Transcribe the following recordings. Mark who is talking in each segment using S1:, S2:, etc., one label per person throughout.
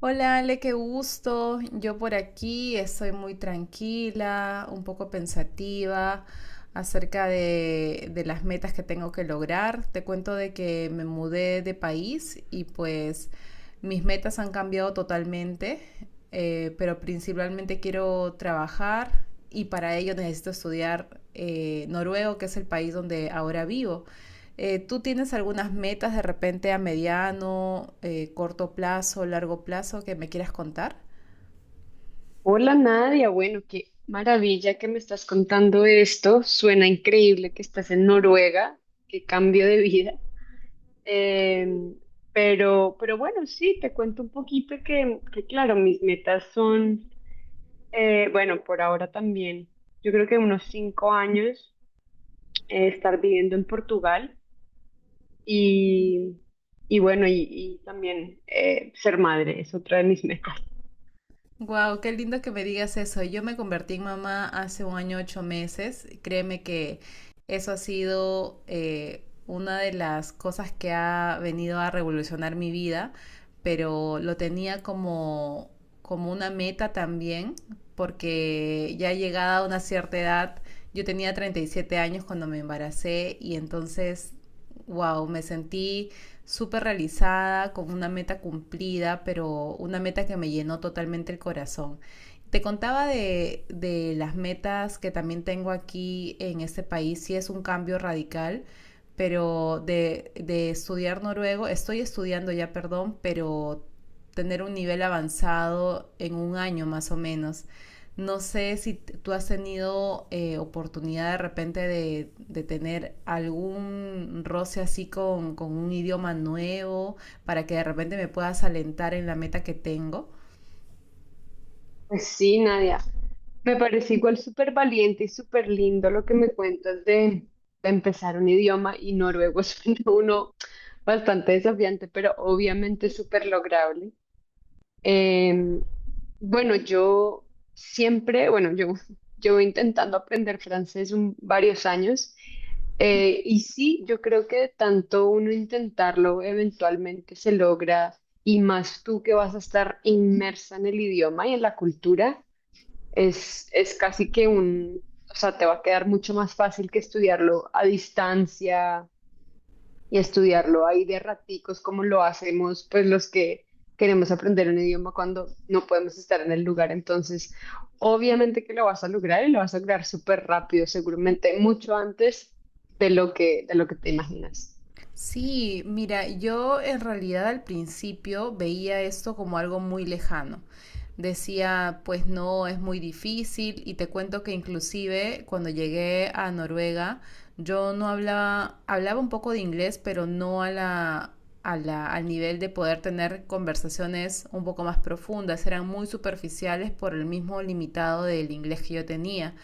S1: Hola Ale, qué gusto. Yo por aquí estoy muy tranquila, un poco pensativa acerca de las metas que tengo que lograr. Te cuento de que me mudé de país y pues mis metas han cambiado totalmente, pero principalmente quiero trabajar y para ello necesito estudiar noruego, que es el país donde ahora vivo. ¿Tú tienes algunas metas de repente a mediano, corto plazo, largo plazo que me quieras contar?
S2: Hola Nadia, bueno, qué maravilla que me estás contando esto. Suena increíble que estás en Noruega, qué cambio de vida. Em, pero bueno, sí, te cuento un poquito que claro, mis metas son, bueno, por ahora también, yo creo que unos 5 años estar viviendo en Portugal y, y bueno, y también ser madre es otra de mis metas.
S1: Wow, qué lindo que me digas eso. Yo me convertí en mamá hace un año 8 meses. Créeme que eso ha sido una de las cosas que ha venido a revolucionar mi vida, pero lo tenía como una meta también, porque ya llegada a una cierta edad, yo tenía 37 años cuando me embaracé y entonces, wow, me sentí súper realizada, con una meta cumplida, pero una meta que me llenó totalmente el corazón. Te contaba de las metas que también tengo aquí en este país, sí es un cambio radical, pero de estudiar noruego, estoy estudiando ya, perdón, pero tener un nivel avanzado en un año más o menos. No sé si tú has tenido oportunidad de repente de tener algún roce así con un idioma nuevo para que de repente me puedas alentar en la meta que tengo.
S2: Pues sí, Nadia. Me parece igual súper valiente y súper lindo lo que me cuentas de empezar un idioma y noruego suena uno bastante desafiante, pero obviamente súper lograble. Eh, bueno, yo siempre, bueno, yo llevo intentando aprender francés varios años y sí, yo creo que de tanto uno intentarlo eventualmente se logra y más tú que vas a estar inmersa en el idioma y en la cultura. Es casi que un, o sea, te va a quedar mucho más fácil que estudiarlo a distancia y estudiarlo ahí de raticos como lo hacemos pues los que queremos aprender un idioma cuando no podemos estar en el lugar. Entonces, obviamente que lo vas a lograr y lo vas a lograr súper rápido, seguramente mucho antes de lo de lo que te imaginas.
S1: Sí, mira, yo en realidad al principio veía esto como algo muy lejano. Decía, pues no, es muy difícil y te cuento que inclusive cuando llegué a Noruega, yo no hablaba, hablaba un poco de inglés, pero no a la, al nivel de poder tener conversaciones un poco más profundas. Eran muy superficiales por el mismo limitado del inglés que yo tenía.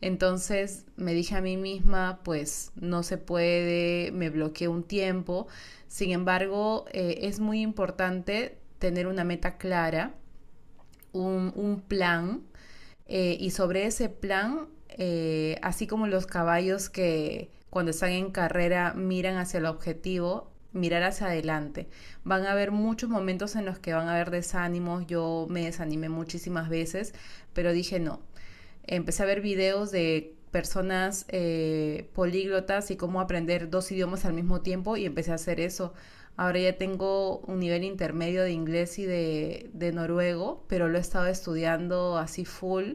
S1: Entonces me dije a mí misma, pues no se puede, me bloqueé un tiempo. Sin embargo, es muy importante tener una meta clara, un plan, y sobre ese plan, así como los caballos que cuando están en carrera miran hacia el objetivo, mirar hacia adelante. Van a haber muchos momentos en los que van a haber desánimos, yo me desanimé muchísimas veces, pero dije no, empecé a ver videos de personas políglotas y cómo aprender dos idiomas al mismo tiempo y empecé a hacer eso. Ahora ya tengo un nivel intermedio de inglés y de noruego, pero lo he estado estudiando así full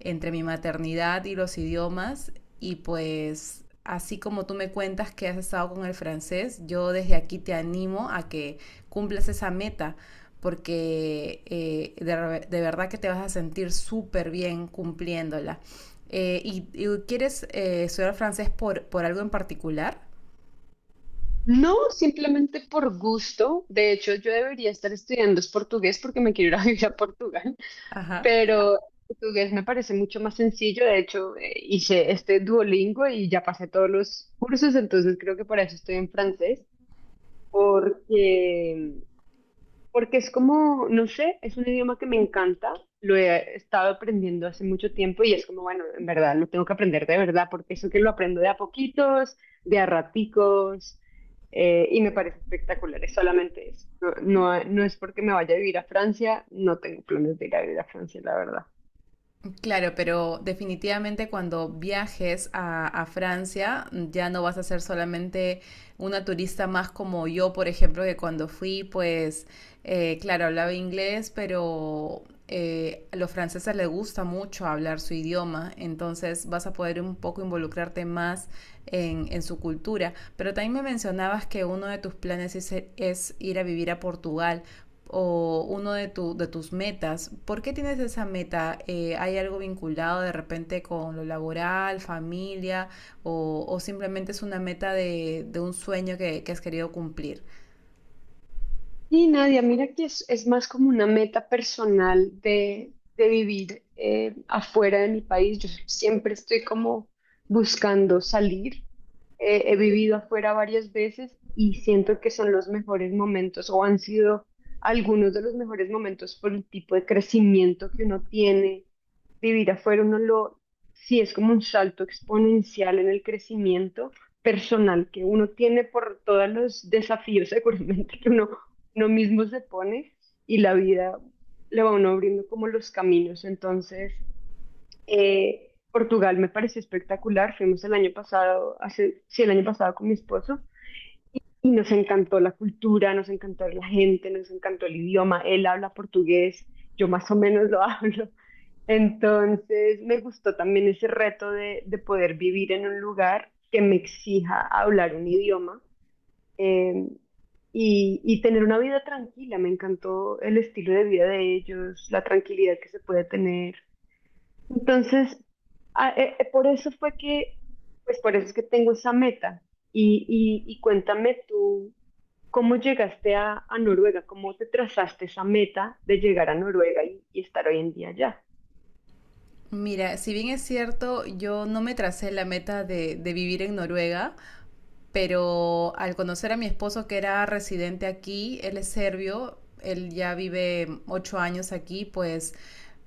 S1: entre mi maternidad y los idiomas y pues así como tú me cuentas que has estado con el francés, yo desde aquí te animo a que cumplas esa meta porque verdad que te vas a sentir súper bien cumpliéndola. ¿Quieres estudiar francés por algo en particular?
S2: No, simplemente por gusto. De hecho, yo debería estar estudiando es portugués porque me quiero ir a vivir a Portugal.
S1: Ajá.
S2: Pero portugués me parece mucho más sencillo. De hecho, hice este Duolingo y ya pasé todos los cursos, entonces creo que por eso estoy en francés, porque, porque es como, no sé, es un idioma que me encanta, lo he estado aprendiendo hace mucho tiempo y es como, bueno, en verdad, lo tengo que aprender de verdad, porque eso que lo aprendo de a poquitos, de a raticos. Y me parece espectacular, es solamente eso. No, no es porque me vaya a vivir a Francia, no tengo planes de ir a vivir a Francia, la verdad.
S1: Claro, pero definitivamente cuando viajes a, Francia, ya no vas a ser solamente una turista más como yo, por ejemplo, que cuando fui, pues, claro, hablaba inglés, pero a los franceses les gusta mucho hablar su idioma, entonces vas a poder un poco involucrarte más en su cultura. Pero también me mencionabas que uno de tus planes es ir a vivir a Portugal o uno de tus metas. ¿Por qué tienes esa meta? ¿Hay algo vinculado de repente con lo laboral, familia o simplemente es una meta de un sueño has querido cumplir?
S2: Y Nadia, mira que es más como una meta personal de vivir afuera de mi país. Yo siempre estoy como buscando salir. He vivido afuera varias veces y siento que son los mejores momentos o han sido algunos de los mejores momentos por el tipo de crecimiento que uno tiene. Vivir afuera, sí es como un salto exponencial en el crecimiento personal que uno tiene por todos los desafíos seguramente que uno mismo se pone y la vida le va a uno abriendo como los caminos. Entonces, Portugal me pareció espectacular. Fuimos el año pasado, hace, sí, el año pasado con mi esposo y nos encantó la cultura, nos encantó la gente, nos encantó el idioma. Él habla portugués, yo más o menos lo hablo. Entonces, me gustó también ese reto de poder vivir en un lugar que me exija hablar un idioma eh, y tener una vida tranquila. Me encantó el estilo de vida de ellos, la tranquilidad que se puede tener. Entonces, a- por eso fue que, pues por eso es que tengo esa meta. Y cuéntame tú, ¿cómo llegaste a Noruega? ¿Cómo te trazaste esa meta de llegar a Noruega y estar hoy en día allá?
S1: Mira, si bien es cierto, yo no me tracé la meta de vivir en Noruega, pero al conocer a mi esposo que era residente aquí, él es serbio, él ya vive 8 años aquí, pues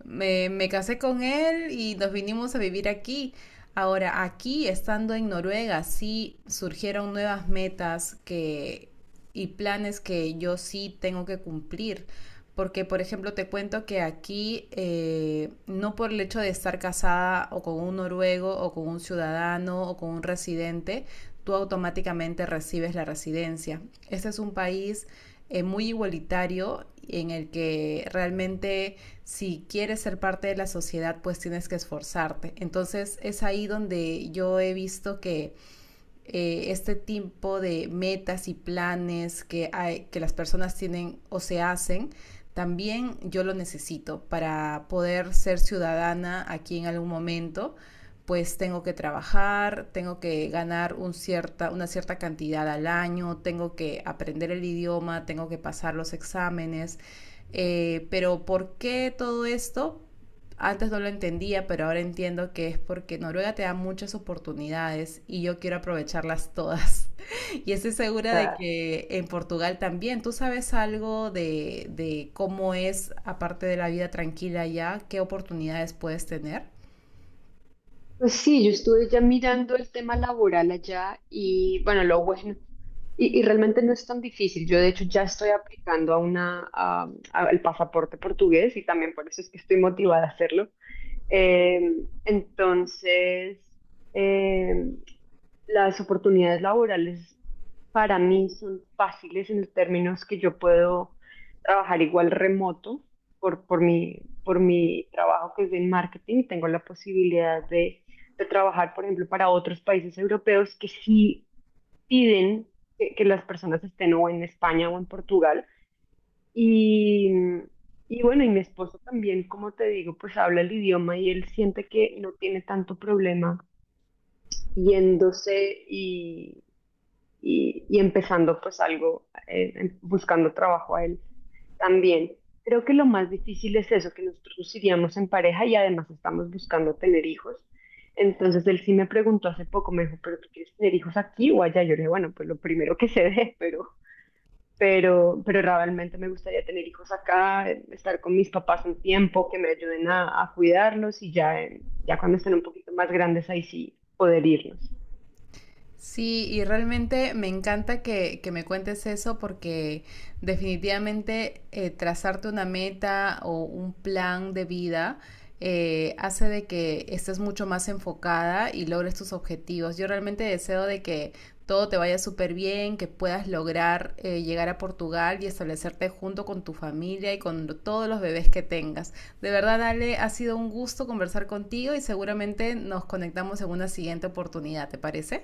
S1: me casé con él y nos vinimos a vivir aquí. Ahora, aquí, estando en Noruega, sí surgieron nuevas metas y planes que yo sí tengo que cumplir. Porque, por ejemplo, te cuento que aquí, no por el hecho de estar casada o con un noruego o con un ciudadano o con un residente, tú automáticamente recibes la residencia. Este es un país muy igualitario en el que realmente si quieres ser parte de la sociedad pues tienes que esforzarte. Entonces es ahí donde yo he visto que este tipo de metas y planes que, hay, que las personas tienen o se hacen, también yo lo necesito para poder ser ciudadana aquí en algún momento pues tengo que trabajar, tengo que ganar una cierta cantidad al año, tengo que aprender el idioma, tengo que pasar los exámenes. Pero ¿por qué todo esto? Antes no lo entendía, pero ahora entiendo que es porque Noruega te da muchas oportunidades y yo quiero aprovecharlas todas. Y estoy segura de
S2: O
S1: que en Portugal también. ¿Tú sabes algo de cómo es, aparte de la vida tranquila allá, qué oportunidades puedes tener?
S2: Pues sí, yo estuve ya mirando el tema laboral allá y bueno, lo bueno. Y realmente no es tan difícil. Yo de hecho ya estoy aplicando a al pasaporte portugués y también por eso es que estoy motivada a hacerlo. Eh, entonces, eh, las oportunidades laborales para mí son fáciles en los términos que yo puedo trabajar igual remoto por mi trabajo que es en marketing. Tengo la posibilidad de trabajar, por ejemplo, para otros países europeos que sí piden que las personas estén o en España o en Portugal. Y, y bueno, y mi esposo también, como te digo, pues habla el idioma y él siente que no tiene tanto problema yéndose y, y empezando pues algo, buscando trabajo a él también. Creo que lo más difícil es eso, que nosotros nos iríamos en pareja y además estamos buscando tener hijos. Entonces él sí me preguntó hace poco, me dijo, ¿pero tú quieres tener hijos aquí o allá? Yo le dije, bueno, pues lo primero que se dé, pero pero realmente me gustaría tener hijos acá, estar con mis papás un tiempo, que me ayuden a cuidarlos y ya, ya cuando estén un poquito más grandes, ahí sí poder irnos.
S1: Sí, y realmente me encanta que me cuentes eso porque definitivamente trazarte una meta o un plan de vida hace de que estés mucho más enfocada y logres tus objetivos. Yo realmente deseo de que todo te vaya súper bien, que puedas lograr llegar a Portugal y establecerte junto con tu familia y con todos los bebés que tengas. De verdad, Ale, ha sido un gusto conversar contigo y seguramente nos conectamos en una siguiente oportunidad, ¿te parece?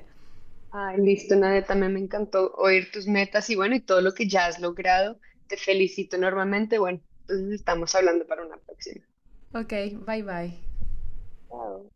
S2: Ay, listo, Nadia, también me encantó oír tus metas y bueno, y todo lo que ya has logrado. Te felicito enormemente. Bueno, entonces estamos hablando para una próxima.
S1: Ok, bye bye.
S2: Chao.